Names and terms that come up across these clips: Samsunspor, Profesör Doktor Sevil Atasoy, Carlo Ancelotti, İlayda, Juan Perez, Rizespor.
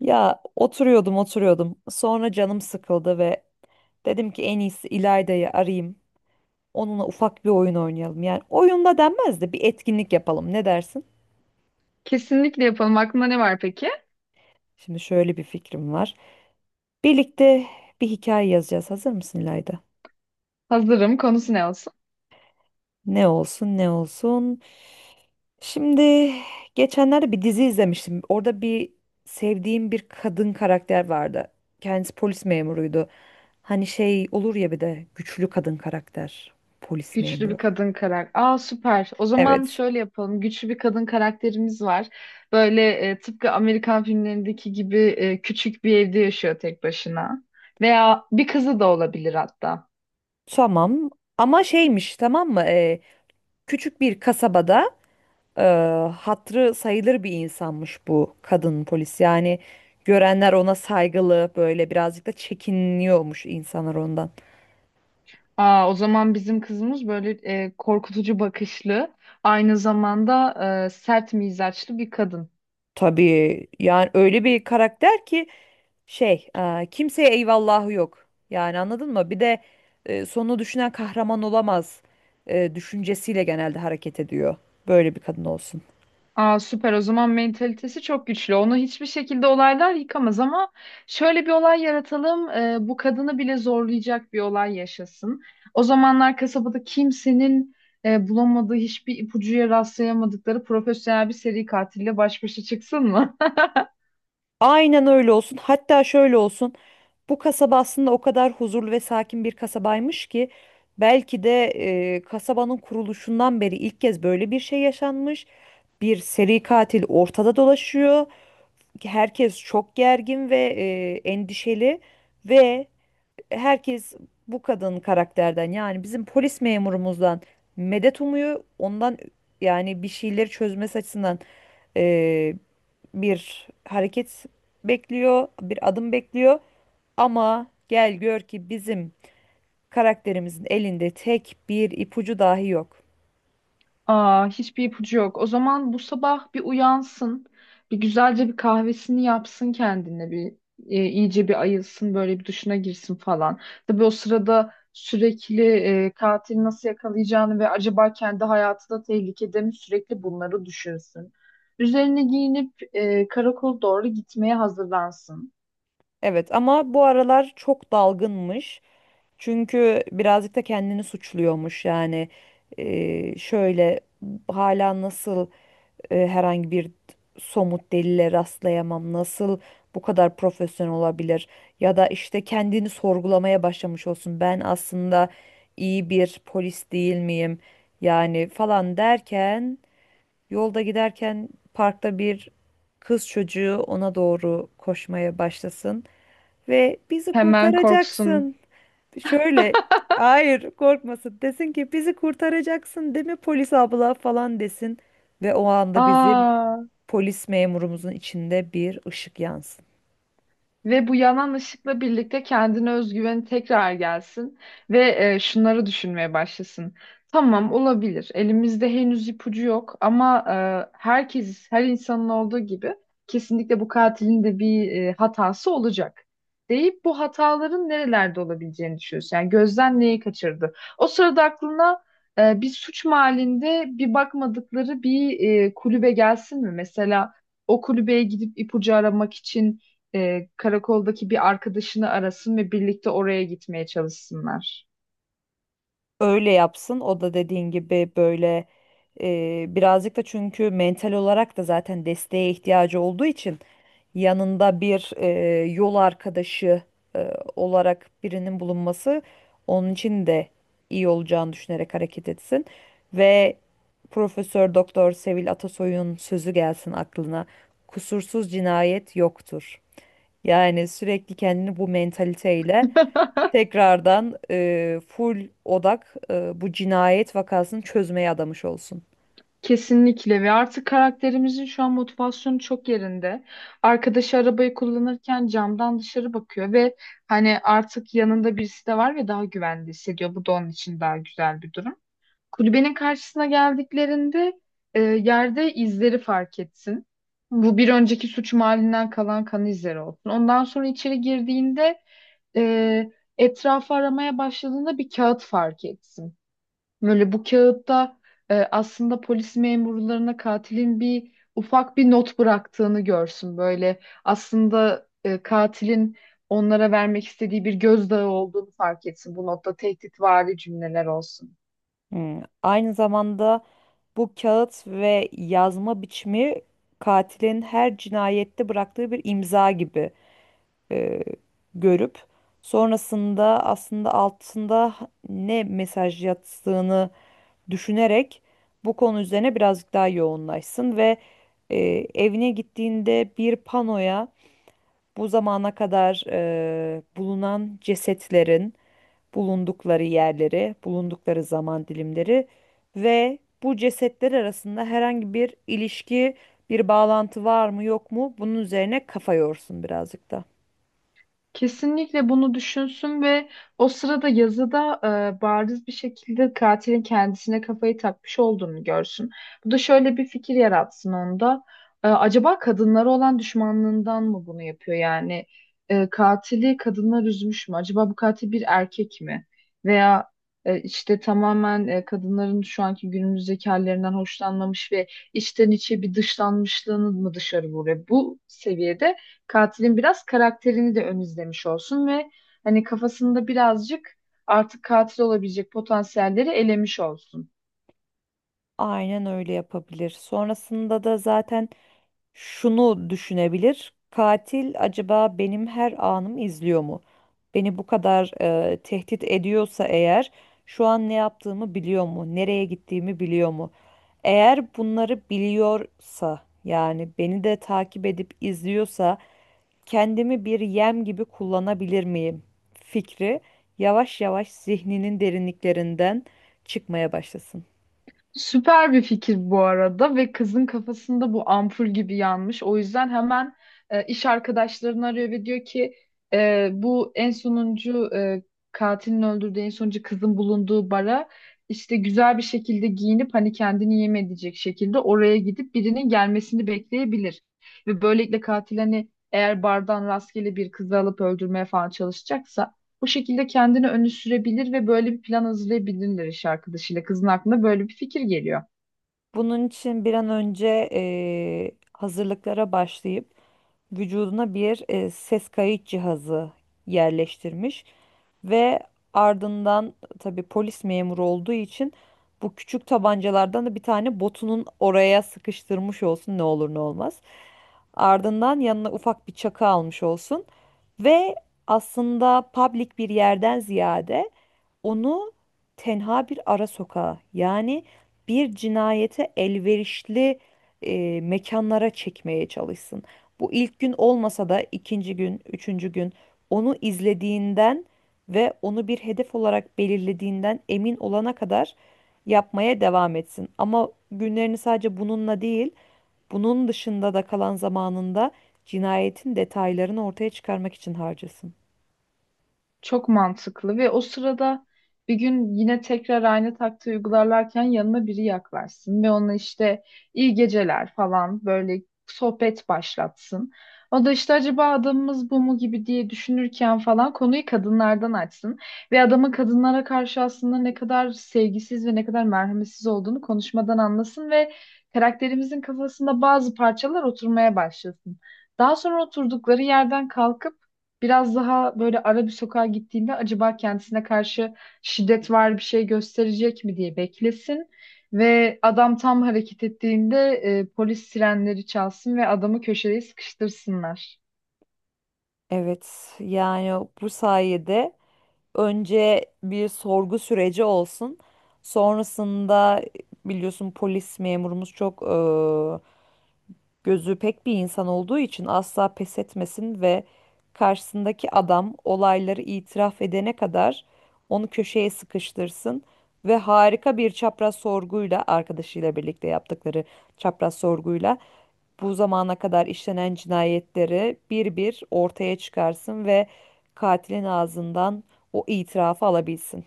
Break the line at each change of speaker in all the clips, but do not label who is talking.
Ya oturuyordum. Sonra canım sıkıldı ve dedim ki en iyisi İlayda'yı arayayım. Onunla ufak bir oyun oynayalım. Yani oyunda denmez de bir etkinlik yapalım. Ne dersin?
Kesinlikle yapalım. Aklında ne var peki?
Şimdi şöyle bir fikrim var. Birlikte bir hikaye yazacağız. Hazır mısın İlayda?
Hazırım. Konusu ne olsun?
Ne olsun. Şimdi geçenlerde bir dizi izlemiştim. Orada sevdiğim bir kadın karakter vardı. Kendisi polis memuruydu. Hani şey olur ya bir de güçlü kadın karakter. Polis
Güçlü bir
memuru.
kadın karakter. Aa, süper. O zaman
Evet.
şöyle yapalım. Güçlü bir kadın karakterimiz var. Böyle tıpkı Amerikan filmlerindeki gibi küçük bir evde yaşıyor tek başına. Veya bir kızı da olabilir hatta.
Tamam. Ama şeymiş, tamam mı? Küçük bir kasabada e, hatırı sayılır bir insanmış bu kadın polis. Yani görenler ona saygılı, böyle birazcık da çekiniyormuş insanlar ondan.
Aa, o zaman bizim kızımız böyle korkutucu bakışlı, aynı zamanda sert mizaçlı bir kadın.
Tabii, yani öyle bir karakter ki şey, kimseye eyvallahı yok. Yani anladın mı? Bir de sonunu düşünen kahraman olamaz düşüncesiyle genelde hareket ediyor. Böyle bir kadın olsun.
Aa, süper, o zaman mentalitesi çok güçlü. Onu hiçbir şekilde olaylar yıkamaz ama şöyle bir olay yaratalım. Bu kadını bile zorlayacak bir olay yaşasın. O zamanlar kasabada kimsenin bulamadığı hiçbir ipucuya rastlayamadıkları profesyonel bir seri katille baş başa çıksın mı?
Aynen öyle olsun. Hatta şöyle olsun. Bu kasaba aslında o kadar huzurlu ve sakin bir kasabaymış ki belki de kasabanın kuruluşundan beri ilk kez böyle bir şey yaşanmış. Bir seri katil ortada dolaşıyor. Herkes çok gergin ve endişeli ve herkes bu kadın karakterden, yani bizim polis memurumuzdan, medet umuyor. Ondan, yani bir şeyleri çözmesi açısından, bir hareket bekliyor, bir adım bekliyor. Ama gel gör ki bizim karakterimizin elinde tek bir ipucu dahi yok.
Aa, hiçbir ipucu yok. O zaman bu sabah bir uyansın, bir güzelce bir kahvesini yapsın kendine, bir iyice bir ayılsın, böyle bir duşuna girsin falan. Tabii o sırada sürekli katili nasıl yakalayacağını ve acaba kendi hayatı da tehlikede mi sürekli bunları düşünsün. Üzerine giyinip karakola doğru gitmeye hazırlansın.
Evet ama bu aralar çok dalgınmış. Çünkü birazcık da kendini suçluyormuş yani. Şöyle, hala nasıl herhangi bir somut delile rastlayamam. Nasıl bu kadar profesyonel olabilir? Ya da işte kendini sorgulamaya başlamış olsun. Ben aslında iyi bir polis değil miyim? Yani falan derken, yolda giderken parkta bir kız çocuğu ona doğru koşmaya başlasın ve bizi
Hemen korksun.
kurtaracaksın. Şöyle, hayır korkmasın, desin ki bizi kurtaracaksın değil mi polis abla falan desin ve o anda bizim
Aa,
polis memurumuzun içinde bir ışık yansın.
ve bu yanan ışıkla birlikte kendine özgüveni tekrar gelsin ve şunları düşünmeye başlasın. Tamam, olabilir. Elimizde henüz ipucu yok ama herkes, her insanın olduğu gibi kesinlikle bu katilin de bir hatası olacak deyip bu hataların nerelerde olabileceğini düşünüyorsun. Yani gözden neyi kaçırdı? O sırada aklına bir suç mahallinde bir bakmadıkları bir kulübe gelsin mi? Mesela o kulübeye gidip ipucu aramak için karakoldaki bir arkadaşını arasın ve birlikte oraya gitmeye çalışsınlar.
Öyle yapsın. O da dediğin gibi böyle, birazcık da çünkü mental olarak da zaten desteğe ihtiyacı olduğu için yanında bir yol arkadaşı e, olarak birinin bulunması onun için de iyi olacağını düşünerek hareket etsin. Ve Profesör Doktor Sevil Atasoy'un sözü gelsin aklına. Kusursuz cinayet yoktur. Yani sürekli kendini bu mentaliteyle tekrardan, full odak, bu cinayet vakasını çözmeye adamış olsun.
Kesinlikle, ve artık karakterimizin şu an motivasyonu çok yerinde. Arkadaşı arabayı kullanırken camdan dışarı bakıyor ve hani artık yanında birisi de var ve daha güvende hissediyor. Bu da onun için daha güzel bir durum. Kulübenin karşısına geldiklerinde yerde izleri fark etsin. Bu bir önceki suç mahallinden kalan kan izleri olsun. Ondan sonra içeri girdiğinde e, etrafı aramaya başladığında bir kağıt fark etsin. Böyle bu kağıtta aslında polis memurlarına katilin bir ufak bir not bıraktığını görsün. Böyle aslında katilin onlara vermek istediği bir gözdağı olduğunu fark etsin. Bu notta tehditvari cümleler olsun.
Hmm. Aynı zamanda bu kağıt ve yazma biçimi katilin her cinayette bıraktığı bir imza gibi, e, görüp sonrasında aslında altında ne mesaj yattığını düşünerek bu konu üzerine birazcık daha yoğunlaşsın ve e, evine gittiğinde bir panoya bu zamana kadar bulunan cesetlerin bulundukları yerleri, bulundukları zaman dilimleri ve bu cesetler arasında herhangi bir ilişki, bir bağlantı var mı yok mu, bunun üzerine kafa yorsun birazcık da.
Kesinlikle bunu düşünsün ve o sırada yazıda bariz bir şekilde katilin kendisine kafayı takmış olduğunu görsün. Bu da şöyle bir fikir yaratsın onda. E, acaba kadınlara olan düşmanlığından mı bunu yapıyor? Yani katili kadınlar üzmüş mü? Acaba bu katil bir erkek mi? Veya işte tamamen kadınların şu anki günümüzdeki hallerinden hoşlanmamış ve içten içe bir dışlanmışlığını mı dışarı vuruyor? Bu seviyede katilin biraz karakterini de ön izlemiş olsun ve hani kafasında birazcık artık katil olabilecek potansiyelleri elemiş olsun.
Aynen öyle yapabilir. Sonrasında da zaten şunu düşünebilir. Katil acaba benim her anımı izliyor mu? Beni bu kadar tehdit ediyorsa eğer, şu an ne yaptığımı biliyor mu? Nereye gittiğimi biliyor mu? Eğer bunları biliyorsa, yani beni de takip edip izliyorsa, kendimi bir yem gibi kullanabilir miyim fikri yavaş yavaş zihninin derinliklerinden çıkmaya başlasın.
Süper bir fikir bu arada ve kızın kafasında bu ampul gibi yanmış. O yüzden hemen iş arkadaşlarını arıyor ve diyor ki bu en sonuncu katilin öldürdüğü en sonuncu kızın bulunduğu bara işte güzel bir şekilde giyinip hani kendini yem edecek şekilde oraya gidip birinin gelmesini bekleyebilir. Ve böylelikle katil hani eğer bardan rastgele bir kızı alıp öldürmeye falan çalışacaksa bu şekilde kendini öne sürebilir ve böyle bir plan hazırlayabilirler iş arkadaşıyla. Kızın aklına böyle bir fikir geliyor.
Bunun için bir an önce hazırlıklara başlayıp vücuduna bir ses kayıt cihazı yerleştirmiş ve ardından, tabii polis memuru olduğu için, bu küçük tabancalardan da bir tane botunun oraya sıkıştırmış olsun, ne olur ne olmaz. Ardından yanına ufak bir çakı almış olsun. Ve aslında public bir yerden ziyade onu tenha bir ara sokağa, yani bir cinayete elverişli mekanlara çekmeye çalışsın. Bu ilk gün olmasa da ikinci gün, üçüncü gün, onu izlediğinden ve onu bir hedef olarak belirlediğinden emin olana kadar yapmaya devam etsin. Ama günlerini sadece bununla değil, bunun dışında da kalan zamanında cinayetin detaylarını ortaya çıkarmak için harcasın.
Çok mantıklı, ve o sırada bir gün yine tekrar aynı taktiği uygularlarken yanına biri yaklaşsın ve ona işte iyi geceler falan böyle sohbet başlatsın. O da işte acaba adamımız bu mu gibi diye düşünürken falan konuyu kadınlardan açsın ve adamın kadınlara karşı aslında ne kadar sevgisiz ve ne kadar merhametsiz olduğunu konuşmadan anlasın ve karakterimizin kafasında bazı parçalar oturmaya başlasın. Daha sonra oturdukları yerden kalkıp biraz daha böyle ara bir sokağa gittiğinde acaba kendisine karşı şiddet var, bir şey gösterecek mi diye beklesin ve adam tam hareket ettiğinde polis sirenleri çalsın ve adamı köşeye sıkıştırsınlar.
Evet, yani bu sayede önce bir sorgu süreci olsun. Sonrasında, biliyorsun polis memurumuz çok gözü pek bir insan olduğu için, asla pes etmesin ve karşısındaki adam olayları itiraf edene kadar onu köşeye sıkıştırsın ve harika bir çapraz sorguyla, arkadaşıyla birlikte yaptıkları çapraz sorguyla, bu zamana kadar işlenen cinayetleri bir bir ortaya çıkarsın ve katilin ağzından o itirafı alabilsin.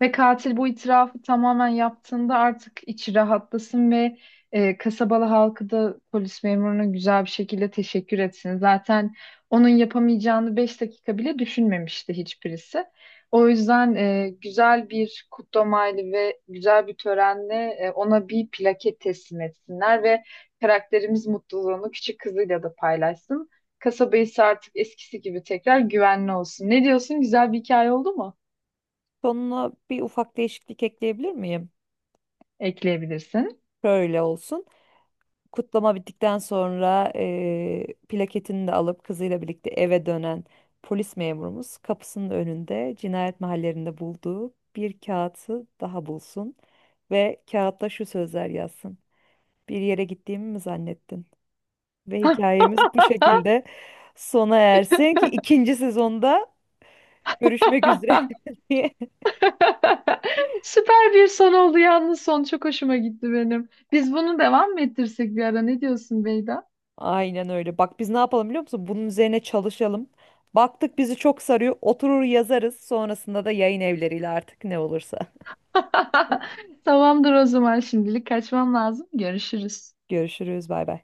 Ve katil bu itirafı tamamen yaptığında artık içi rahatlasın ve kasabalı halkı da polis memuruna güzel bir şekilde teşekkür etsin. Zaten onun yapamayacağını 5 dakika bile düşünmemişti hiçbirisi. O yüzden güzel bir kutlamayla ve güzel bir törenle ona bir plaket teslim etsinler ve karakterimiz mutluluğunu küçük kızıyla da paylaşsın. Kasaba ise artık eskisi gibi tekrar güvenli olsun. Ne diyorsun? Güzel bir hikaye oldu mu?
Sonuna bir ufak değişiklik ekleyebilir miyim?
Ekleyebilirsin.
Şöyle olsun. Kutlama bittikten sonra plaketini de alıp kızıyla birlikte eve dönen polis memurumuz, kapısının önünde cinayet mahallerinde bulduğu bir kağıtı daha bulsun ve kağıtta şu sözler yazsın: bir yere gittiğimi mi zannettin? Ve hikayemiz bu şekilde sona ersin, ki ikinci sezonda görüşmek üzere diye.
Süper bir son oldu, yalnız son çok hoşuma gitti benim. Biz bunu devam mı ettirsek bir ara, ne diyorsun Beyda?
Aynen öyle. Bak biz ne yapalım biliyor musun? Bunun üzerine çalışalım. Baktık bizi çok sarıyor, oturur yazarız. Sonrasında da yayın evleriyle artık ne olursa.
Tamamdır, o zaman şimdilik kaçmam lazım. Görüşürüz.
Görüşürüz. Bay bay.